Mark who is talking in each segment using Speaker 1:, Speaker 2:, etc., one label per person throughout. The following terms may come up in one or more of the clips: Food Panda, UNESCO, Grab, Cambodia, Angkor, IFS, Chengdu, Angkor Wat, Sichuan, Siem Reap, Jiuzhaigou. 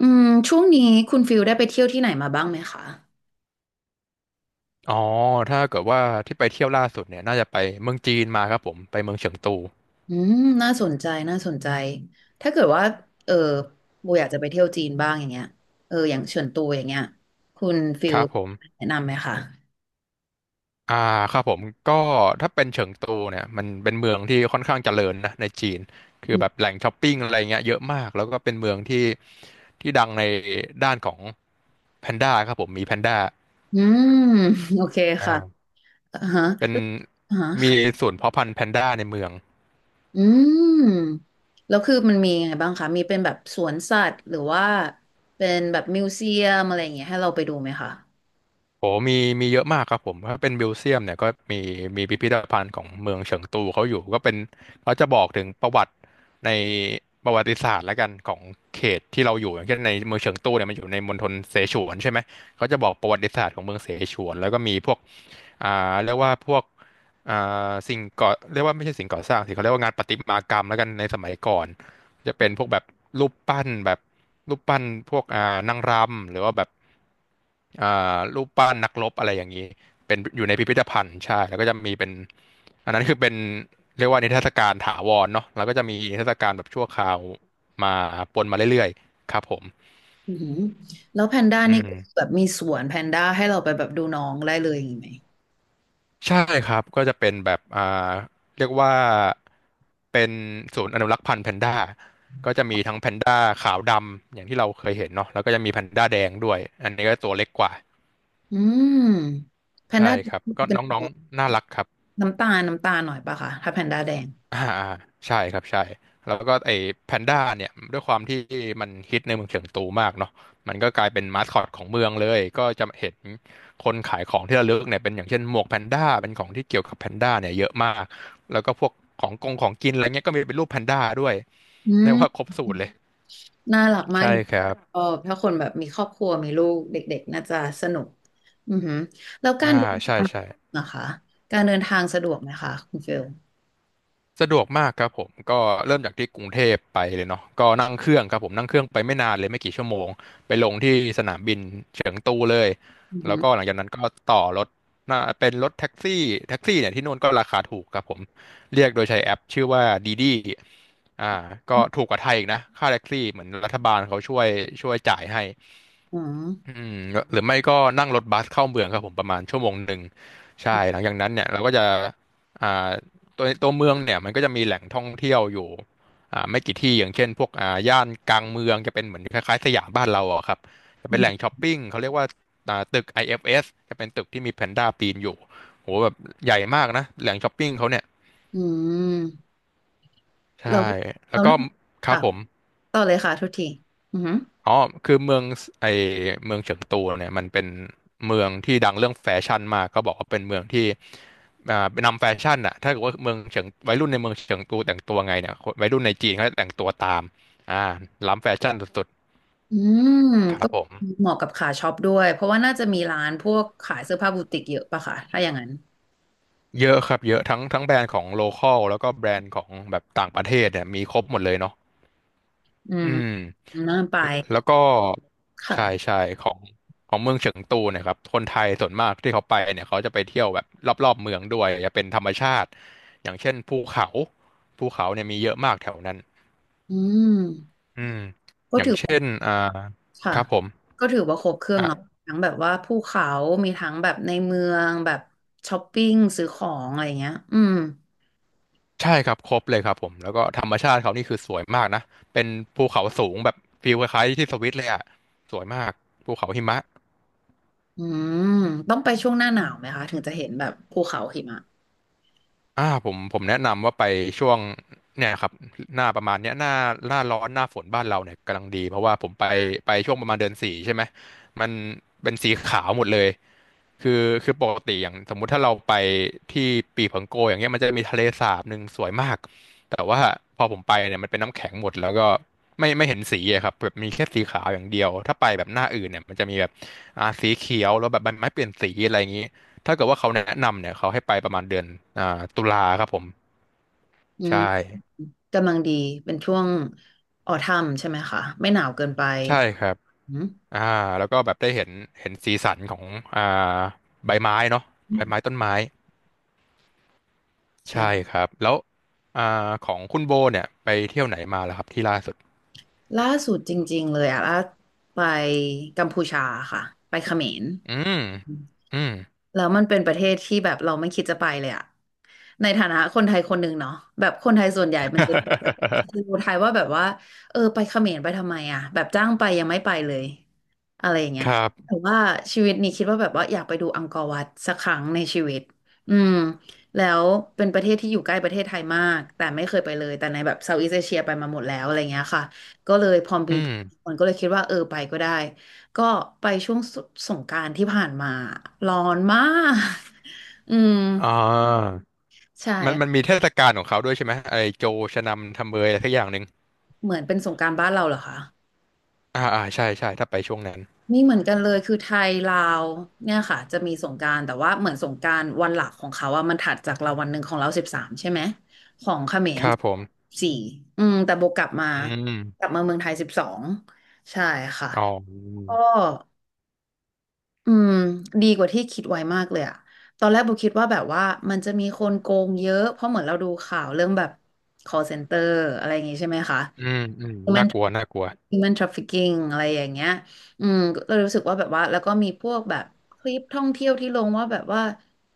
Speaker 1: อืมช่วงนี้คุณฟิลได้ไปเที่ยวที่ไหนมาบ้างไหมคะ
Speaker 2: อ๋อถ้าเกิดว่าที่ไปเที่ยวล่าสุดเนี่ยน่าจะไปเมืองจีนมาครับผมไปเมืองเฉิงตู
Speaker 1: อืมน่าสนใจน่าสนใจ ถ้าเกิดว่าเออโบอยากจะไปเที่ยวจีนบ้างอย่างเงี้ยอย่างเฉินตูอย่างเงี้ยคุณฟิ
Speaker 2: ค
Speaker 1: ล
Speaker 2: รับผม
Speaker 1: แนะนำไหมคะ
Speaker 2: อ่าครับผมก็ถ้าเป็นเฉิงตูเนี่ยมันเป็นเมืองที่ค่อนข้างเจริญนะในจีนคือแบบแหล่งช้อปปิ้งอะไรเงี้ยเยอะมากแล้วก็เป็นเมืองที่ดังในด้านของแพนด้าครับผมมีแพนด้า
Speaker 1: อืมโอเค
Speaker 2: อ่า
Speaker 1: ค่ะอ่าฮะ
Speaker 2: เป็น
Speaker 1: อ่าฮะ
Speaker 2: มี
Speaker 1: ค่ะ
Speaker 2: ศูนย์เพาะพันธุ์แพนด้าในเมือง
Speaker 1: อืมแล้วคือมันมียังไงบ้างคะมีเป็นแบบสวนสัตว์หรือว่าเป็นแบบมิวเซียมอะไรอย่างเงี้ยให้เราไปดูไหมคะ
Speaker 2: โอ้มีเยอะมากครับผมถ้าเป็นมิวเซียมเนี่ยก็มีมีพิพิธภัณฑ์ของเมืองเฉิงตูเขาอยู่ก็เป็นเขาจะบอกถึงประวัติในประวัติศาสตร์แล้วกันของเขตที่เราอยู่อย่างเช่นในเมืองเฉิงตูเนี่ยมันอยู่ในมณฑลเสฉวนใช่ไหม เขาจะบอกประวัติศาสตร์ของเมืองเสฉวน แล้วก็มีพวกเรียกว่าพวกอ่สิ่งก่อเรียกว่าไม่ใช่สิ่งก่อสร้างสิเขาเรียกว่างานประติมากรรมแล้วกันในสมัยก่อน จะเป็นพวกแบบรูปปั้นแบบรูปปั้นพวกนางรำหรือว่าแบบอ่รูปปั้นนักรบอะไรอย่างนี้เป็นอยู่ในพิพิธภัณฑ์ใช่แล้วก็จะมีเป็นอันนั้นคือเป็นเรียกว่านิทรรศการถาวรเนาะแล้วก็จะมีนิทรรศการแบบชั่วคราวมาปนมาเรื่อยๆครับผม
Speaker 1: อือหือแล้วแพนด้า
Speaker 2: อื
Speaker 1: นี่
Speaker 2: ม
Speaker 1: ก็แบบมีสวนแพนด้าให้เราไปแบบดูน้องได้เลยอย่างนี้ไหม
Speaker 2: ใช่ครับ ก็จะเป็นแบบเรียกว่า เป็นศูนย์อนุรักษ์พันธุ์แพนด้าก็จะมีทั้งแพนด้าขาวดำ อย่างที่เราเคยเห็นเนาะแล้วก็จะมีแพนด้าแดงด้วย อันนี้ก็ตัวเล็กกว่า
Speaker 1: อืมแพน
Speaker 2: ใช่
Speaker 1: ด้าเป็
Speaker 2: ค
Speaker 1: น
Speaker 2: รับ ก็น้องๆน่ารักครับ
Speaker 1: น้ำตาลน้ำตาลหน่อยปะคะถ้าแพนด้าแดง
Speaker 2: อ่าอ่าใช่ครับใช่แล้วก็ไอ้แพนด้าเนี่ยด้วยความที่มันฮิตในเมืองเฉิงตูมากเนาะมันก็กลายเป็นมาสคอตของเมืองเลยก็จะเห็นคนขายของที่ระลึกเนี่ยเป็นอย่างเช่นหมวกแพนด้าเป็นของที่เกี่ยวกับแพนด้าเนี่ยเยอะมากแล้วก็พวกของกงของกินอะไรเงี้ยก็มีเป็นรูปแพนด้าด้วย
Speaker 1: อื
Speaker 2: เรียกว่า
Speaker 1: ม
Speaker 2: ครบสูตรเลย
Speaker 1: น่ารักมาก
Speaker 2: ใช่ครับ
Speaker 1: ชอบถ้าคนแบบมีครอบครัวมีลูกเด็กๆน่าจะสนุกอือหือแล้วกา
Speaker 2: อ่า
Speaker 1: รเดิน
Speaker 2: ใช่
Speaker 1: ทาง
Speaker 2: ใช่
Speaker 1: นะคะการเดินทางสะดวกไหมคะคุณฟิล
Speaker 2: สะดวกมากครับผมก็เริ่มจากที่กรุงเทพไปเลยเนาะก็นั่งเครื่องครับผมนั่งเครื่องไปไม่นานเลยไม่กี่ชั่วโมงไปลงที่สนามบินเฉิงตูเลย
Speaker 1: อือหื
Speaker 2: แล้
Speaker 1: อ
Speaker 2: วก็หลังจากนั้นก็ต่อรถน่าเป็นรถแท็กซี่แท็กซี่เนี่ยที่นู่นก็ราคาถูกครับผมเรียกโดยใช้แอปชื่อว่าดีดีอ่าก็ถูกกว่าไทยอีกนะค่าแท็กซี่เหมือนรัฐบาลเขาช่วยช่วยจ่ายให้
Speaker 1: อืม
Speaker 2: อืมหรือไม่ก็นั่งรถบัสเข้าเมืองครับผมประมาณชั่วโมงหนึ่งใช่หลังจากนั้นเนี่ยเราก็จะอ่าตัวเมืองเนี่ยมันก็จะมีแหล่งท่องเที่ยวอยู่ไม่กี่ที่อย่างเช่นพวกย่านกลางเมืองจะเป็นเหมือนคล้ายๆสยามบ้านเราอ่ะครับจะ
Speaker 1: อื
Speaker 2: เป็นแหล่ง
Speaker 1: ม
Speaker 2: ช้อปปิ้งเขาเรียกว่าตึก IFS จะเป็นตึกที่มีแพนด้าปีนอยู่โหแบบใหญ่มากนะแหล่งช้อปปิ้งเขาเนี่ย
Speaker 1: อืม
Speaker 2: ใช่แล้
Speaker 1: เรา
Speaker 2: ว
Speaker 1: เรา
Speaker 2: ก็
Speaker 1: นั่ง
Speaker 2: ครับ
Speaker 1: ค่ะ
Speaker 2: ผม
Speaker 1: ต่อเลยค่ะทุกทีอือหือ
Speaker 2: อ๋อคือเมืองไอเมืองเฉิงตูเนี่ยมันเป็นเมืองที่ดังเรื่องแฟชั่นมากก็บอกว่าเป็นเมืองที่นำแฟชั่นอะถ้าเกิดว่าเมืองเฉิงวัยรุ่นในเมืองเฉิงตูแต่งตัวไงเนี่ยคนวัยรุ่นในจีนเขาจะแต่งตัวตามอ่าล้ำแฟชั่นสุด
Speaker 1: อืม
Speaker 2: ๆครั
Speaker 1: ก็
Speaker 2: บผม
Speaker 1: เหมาะกับขาช็อปด้วยเพราะว่าน่าจะมีร้านพวกขายเสื้อผ้าบูติกเยอะป่ะคะถ้าอย่างนั้น
Speaker 2: เยอะครับเยอะทั้งแบรนด์ของโลคอลแล้วก็แบรนด์ของแบบต่างประเทศเนี่ยมีครบหมดเลยเนาะ
Speaker 1: อื
Speaker 2: อื
Speaker 1: ม
Speaker 2: ม
Speaker 1: น่าไป
Speaker 2: แล้วก็ใช่
Speaker 1: ค่ะ
Speaker 2: ใช่ของของเมืองเฉิงตูเนะครับคนไทยส่วนมากที่เขาไปเนี่ยเขาจะไปเที่ยวแบบรอบๆเมืองด้วยจะเป็นธรรมชาติอย่างเช่นภูเขาภูเขาเนี่ยมีเยอะมากแถวนั้น
Speaker 1: อืม
Speaker 2: อืม
Speaker 1: ก็
Speaker 2: อย่าง
Speaker 1: ถือ
Speaker 2: เช่
Speaker 1: ว่า
Speaker 2: น
Speaker 1: ค่ะ
Speaker 2: ครับผม
Speaker 1: ก็ถือว่าครบเครื่องเนาะ
Speaker 2: อ่ะ
Speaker 1: ทั้งแบบว่าภูเขามีทั้งแบบในเมืองแบบช้อปปิ้งซื้อของอะไรเงี้ยอืม
Speaker 2: ใช่ครับครบเลยครับผมแล้วก็ธรรมชาติเขานี่คือสวยมากนะเป็นภูเขาสูงแบบฟีลคล้ายๆที่สวิตเลยอ่ะสวยมากภูเขาหิมะ
Speaker 1: อืมต้องไปช่วงหน้าหนาวไหมคะถึงจะเห็นแบบภูเขาหิมะ
Speaker 2: ผมแนะนำว่าไปช่วงเนี่ยครับหน้าประมาณเนี้ยหน้าหน้าร้อนหน้าฝนบ้านเราเนี่ยกำลังดีเพราะว่าผมไปช่วงประมาณเดือนสี่ใช่ไหมมันเป็นสีขาวหมดเลยคือคือปกติอย่างสมมุติถ้าเราไปที่ปีผังโกอย่างเงี้ยมันจะมีทะเลสาบหนึ่งสวยมากแต่ว่าพอผมไปเนี่ยมันเป็นน้ำแข็งหมดแล้วก็ไม่เห็นสีอะครับแบบมีแค่สีขาวอย่างเดียวถ้าไปแบบหน้าอื่นเนี่ยมันจะมีแบบสีเขียวแล้วแบบใบไม้เปลี่ยนสีอะไรอย่างงี้ ถ้าเกิดว่าเขาแนะนำเนี่ยเขาให้ไปประมาณเดือนอ่าตุลาครับผม
Speaker 1: อืม
Speaker 2: ใช่
Speaker 1: กำลังดีเป็นช่วงออทัมใช่ไหมคะไม่หนาวเกินไป
Speaker 2: ใช่ครับ
Speaker 1: อืม
Speaker 2: อ่าแล้วก็แบบได้เห็นเห็นสีสันของอ่าใบไม้เนาะใบไม้ต้นไม้ใช่
Speaker 1: ใช่
Speaker 2: ครับแล้วอ่าของคุณโบเนี่ยไปเที่ยวไหนมาแล้วครับที่ล่าสุด
Speaker 1: ล่าสุดจริงๆเลยอะไปกัมพูชาค่ะไปเขมร
Speaker 2: อืมอืม
Speaker 1: แล้วมันเป็นประเทศที่แบบเราไม่คิดจะไปเลยอะในฐานะคนไทยคนหนึ่งเนาะแบบคนไทยส่วนใหญ่มันจะดู ไทยว่าแบบว่าเออไปเขมรไปทำไมอะแบบจ้างไปยังไม่ไปเลยอะไรอย่าง
Speaker 2: ค
Speaker 1: เงี้ย
Speaker 2: รั
Speaker 1: แต่
Speaker 2: บ
Speaker 1: ว่าชีวิตนี้คิดว่าแบบว่าอยากไปดูอังกอร์วัดสักครั้งในชีวิตอืมแล้วเป็นประเทศที่อยู่ใกล้ประเทศไทยมากแต่ไม่เคยไปเลยแต่ในแบบเซาท์อีสเอเชียไปมาหมดแล้วอะไรเงี้ยค่ะก็เลยพอ
Speaker 2: อื
Speaker 1: มี
Speaker 2: ม
Speaker 1: มันก็เลยคิดว่าเออไปก็ได้ ก็ไปช่วงสงกรานต์ที่ผ่านมาร้อนมาก อืม
Speaker 2: อ่า
Speaker 1: ใช่
Speaker 2: มันมันมีเทศกาลของเขาด้วยใช่ไหมไอโจชะนำทำเบยอะไรสักอย่างหนึ่ง
Speaker 1: เหมือนเป็นสงกรานต์บ้านเราเหรอคะ
Speaker 2: ใช่ใช่ถ้าไปช่วงนั้น
Speaker 1: นม่เหมือนกันเลยคือไทยลาวเนี่ยค่ะจะมีสงกรานต์แต่ว่าเหมือนสงกรานต์วันหลักของเขาอะมันถัดจากเราวันหนึ่งของเรา13ใช่ไหมของเขม
Speaker 2: ค
Speaker 1: ร
Speaker 2: รับผม
Speaker 1: 14อืมแต่โบกลับมา
Speaker 2: อื
Speaker 1: กลั
Speaker 2: ม
Speaker 1: บมาเมืองไทย12ใช่ค่ะ
Speaker 2: อ๋อ
Speaker 1: ก็ อืมดีกว่าที่คิดไว้มากเลยอะตอนแรกโบคิดว่าแบบว่ามันจะมีคนโกงเยอะเพราะเหมือนเราดูข่าวเรื่องแบบ call center อะไรอย่างงี้ใช่ไหมคะ
Speaker 2: อืมอืมน่า
Speaker 1: human
Speaker 2: กลัวน่ากลัว
Speaker 1: human trafficking อะไรอย่างเงี้ยอืมเรารู้สึกว่าแบบว่าแล้วก็มีพวกแบบคลิปท่องเที่ยวที่ลงว่าแบบว่า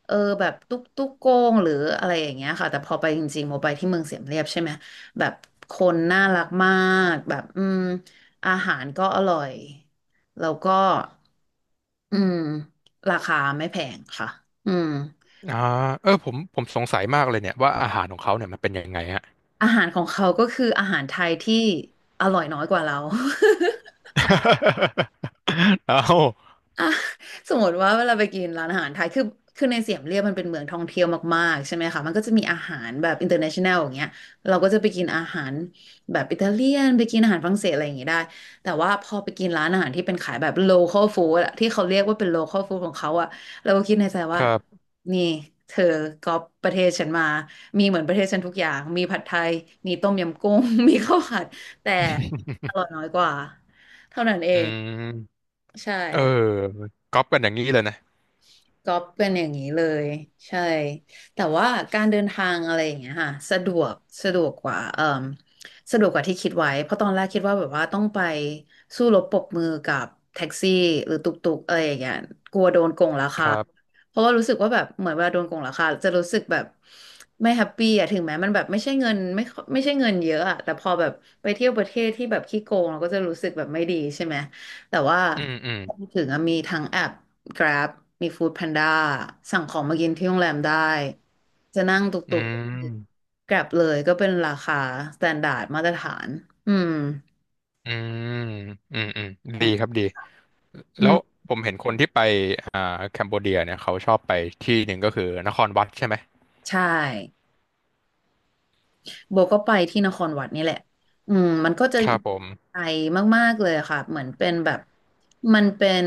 Speaker 1: เออแบบตุ๊กตุ๊กโกงหรืออะไรอย่างเงี้ยค่ะแต่พอไปจริงๆโมไปที่เมืองเสียมเรียบใช่ไหมแบบคนน่ารักมากแบบอืมอาหารก็อร่อยแล้วก็ อืมราคาไม่แพงค่ะอืม
Speaker 2: อ่าเออผมสงสัยมากเลยเนี่ยว่าอาหารของเขาเนี่ยมันเป็นยังไงฮะ
Speaker 1: อาหารของเขาก็คืออาหารไทยที่อร่อยน้อยกว่าเรา
Speaker 2: เอา
Speaker 1: อ่า สมมติว่าเวลาไปกินร้านอาหารไทยคือคือในเสียมเรียบมันเป็นเมืองท่องเที่ยวมากๆใช่ไหมคะมันก็จะมีอาหารแบบ international อย่างเงี้ยเราก็จะไปกินอาหารแบบอิตาเลียนไปกินอาหารฝรั่งเศสอะไรอย่างงี้ได้แต่ว่าพอไปกินร้านอาหารที่เป็นขายแบบ local food อะที่เขาเรียกว่าเป็น local food ของเขาอะเราก็คิดในใจ
Speaker 2: ค
Speaker 1: ว่า
Speaker 2: รับ
Speaker 1: นี่เธอก๊อปประเทศฉันมามีเหมือนประเทศฉันทุกอย่างมีผัดไทยมีต้มยำกุ้ง มีข้าวผัดแต่อร่อยน้อยกว่าเท่านั้นเอ
Speaker 2: อื
Speaker 1: ง
Speaker 2: ม
Speaker 1: ใช่
Speaker 2: เออก๊อปกันอย่างนี้เลยนะ
Speaker 1: ก็เป็นอย่างนี้เลยใช่แต่ว่าการเดินทางอะไรอย่างเงี้ยค่ะสะดวกสะดวกกว่าเอ่มสะดวกกว่าที่คิดไว้เพราะตอนแรกคิดว่าแบบว่าต้องไปสู้รบปรบมือกับแท็กซี่หรือตุกตุกอะไรอย่างเงี้ยกลัวโดนโกงรา
Speaker 2: ค
Speaker 1: คา
Speaker 2: รับ
Speaker 1: เพราะว่ารู้สึกว่าแบบเหมือนเวลาโดนโกงราคาจะรู้สึกแบบไม่แฮปปี้อะถึงแม้มันแบบไม่ใช่เงินไม่ค่อยไม่ใช่เงินเยอะอะแต่พอแบบไปเที่ยวประเทศที่แบบขี้โกงเราก็จะรู้สึกแบบไม่ดีใช่ไหมแต่ว่า
Speaker 2: อืมอืม
Speaker 1: พอถึงอะมีทั้งแอป Grab มี Food Panda สั่งของมากินที่โรงแรมได้จะนั่งตุก
Speaker 2: อื
Speaker 1: ตุก
Speaker 2: ม
Speaker 1: Grab เลยก็เป็นราคา s t ต n d า r d มาตรฐานอืม
Speaker 2: อืมอืมอืมดีครับดี
Speaker 1: อื
Speaker 2: แล้ว
Speaker 1: ม
Speaker 2: ผมเห็นคนที่ไปอ่าแคมโบเดียเนี่ยเขาชอบไปที่หนึ่งก็คือนครวัดใช่ไหม
Speaker 1: ใช่ โบก็ไปที่นครวัดนี่แหละอืมมันก็จะ
Speaker 2: ครับผม
Speaker 1: ไกลมากๆเลยอะค่ะ เหมือนเป็นแบบมันเป็น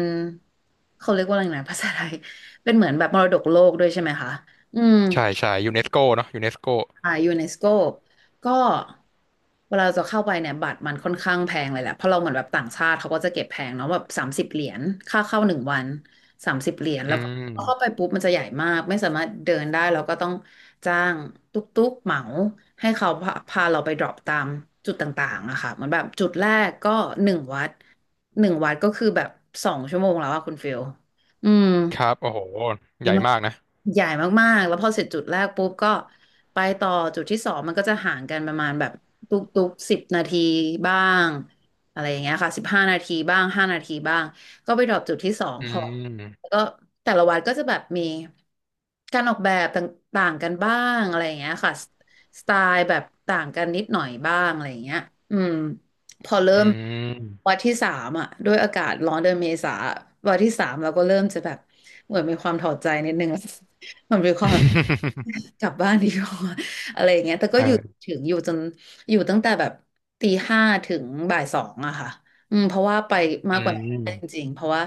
Speaker 1: เขาเรียกว่าอะไรนะ ภาษาไทยเป็นเหมือนแบบมรดกโลกด้วยใช่ไหมคะอืม
Speaker 2: ใช่ใช่ยูเนสโกเนาะยูเนสโก
Speaker 1: ยูเนสโกก็เวลาเราจะเข้าไปเนี่ยบัตรมันค่อนข้างแพงเลยแหละเพราะเราเหมือนแบบต่างชาติเขาก็จะเก็บแพงเนาะแบบสามสิบเหรียญค่าเข้าหนึ่งวันสามสิบเหรียญ
Speaker 2: อื
Speaker 1: แล้วก็เข้าไป
Speaker 2: ม
Speaker 1: ปุ๊บมันจะใหญ่มากไม่สามารถเดินได้เราก็ต้องจ้างตุ๊กตุ๊กเหมาให้เขาพาเราไปดรอปตามจุดต่างๆอะค่ะเหมือนแบบจุดแรกก็หนึ่งวัดหนึ่งวัดก็คือแบบสองชั่วโมงแล้วอะคุณฟิลอืม
Speaker 2: ครับโอ้โหใหญ่มากนะ
Speaker 1: ใหญ่มากๆแล้วพอเสร็จจุดแรกปุ๊บก็ไปต่อจุดที่สองมันก็จะห่างกันประมาณแบบทุกๆกสิบนาทีบ้างอะไรอย่างเงี้ยค่ะสิบห้านาทีบ้างห้านาทีบ้างก็ไปดรอปจุดที่สอง
Speaker 2: อื
Speaker 1: พอ
Speaker 2: ม
Speaker 1: แล้วก็แต่ละวัดก็จะแบบมีการออกแบบต่างๆกันบ้างอะไรอย่างเงี้ยค่ะสไตล์แบบต่างกันนิดหน่อยบ้างอะไรอย่างเงี้ยอืมพอเริ่
Speaker 2: อื
Speaker 1: มวั
Speaker 2: ม
Speaker 1: นที่สามอ่ะด้วยอากาศร้อนเดือนเมษาวันที่สามเราก็เริ่มจะแบบเหมือนมีความถอดใจนิดนึง ผมัน ความแบบ กลับบ้านดีกว่า อะไรอย่างเงี้ยแต่ก็
Speaker 2: เอ
Speaker 1: อยู่
Speaker 2: อ
Speaker 1: ถึงอยู่จนอยู่ตั้งแต่แบบตีห้าถึงบ่ายสองอะค่ะอืมเพราะว่าไป
Speaker 2: อื
Speaker 1: มากกว่านั้นไม่ได้จ
Speaker 2: ม
Speaker 1: ริงๆเพราะว่า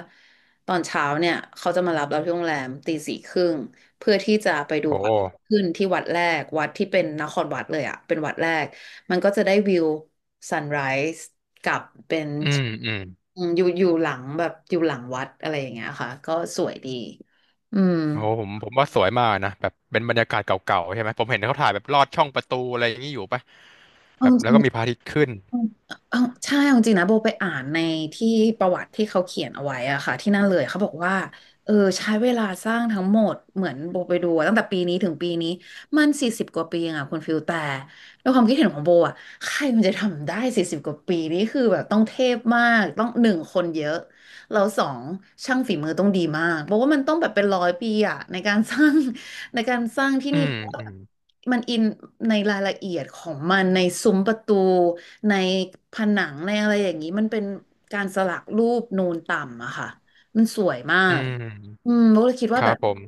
Speaker 1: ตอนเช้าเนี่ยเขาจะมารับเราที่โรงแรมตีสี่ครึ่งเพื่อที่จะไปดู
Speaker 2: โอ้
Speaker 1: พระอาทิตย์ขึ้นที่วัดแรกวัดที่เป็นนครวัดเลยอะเป็นวัดแรกมันก็จะได้วิวซันไรส์กับเป็น
Speaker 2: อืม อืม
Speaker 1: อืมอยู่หลังแบบอยู่หลังวัดอะไรอย่างเงี้ยค่ะก็สวยดีอืม
Speaker 2: โอ้ผมว่าสวยมากนะแบบเป็นบรรยากาศเก่าๆใช่ไหมผมเห็นเขาถ่ายแบบลอดช่องประตูอะไรอย่างนี้อยู่ปะแบ
Speaker 1: เอา
Speaker 2: บ
Speaker 1: จ
Speaker 2: แล้ว
Speaker 1: ริง
Speaker 2: ก็มีพระอาทิตย์ขึ้น
Speaker 1: เอาเอาใช่เอาจริงนะโบไปอ่านในที่ประวัติที่เขาเขียนเอาไว้อะค่ะที่นั่นเลยเขาบอกว่าเออใช้เวลาสร้างทั้งหมดเหมือนโบไปดูอะตั้งแต่ปีนี้ถึงปีนี้มันสี่สิบกว่าปีเองอะคุณฟิลแต่ด้วยความคิดเห็นของโบอะใครมันจะทำได้สี่สิบกว่าปีนี่คือแบบต้องเทพมากต้องหนึ่งคนเยอะ เราสองช่างฝีมือต้องดีมากเพราะว่ามันต้องแบบเป็นร้อยปีอะในการสร้าง ในการสร้างที่
Speaker 2: อื
Speaker 1: นี่
Speaker 2: ม
Speaker 1: เพราะว่า
Speaker 2: อืม
Speaker 1: มันอินในรายละเอียดของมันในซุ้มประตูในผนังในอะไรอย่างนี้มันเป็นการสลักรูปนูนต่ำอะค่ะมันสวยมา
Speaker 2: อื
Speaker 1: กอื
Speaker 2: ม
Speaker 1: มโบเลยคิด
Speaker 2: ค
Speaker 1: ว่าแบ
Speaker 2: รับ
Speaker 1: บ
Speaker 2: ผม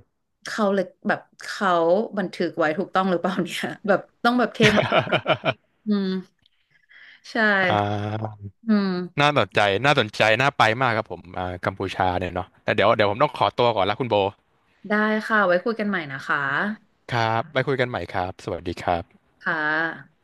Speaker 1: เขาเลยแบบเขาบันทึกไว้ถูกต้องหรือเปล่าเนี่ย แบบต้องแบบเทมาก อืมใช่
Speaker 2: อ่า
Speaker 1: อืม
Speaker 2: น่าสนใจน่าสนใจน่าไปมากครับผมกัมพูชาเนี่ยเนาะแต่เดี๋ยวเดี๋ยวผมต้องขอตัวก่อนละคุณโบ
Speaker 1: ได้ค่ะไว้คุยกันใหม่นะคะ
Speaker 2: ครับไปคุยกันใหม่ครับสวัสดีครับ
Speaker 1: ค่ะ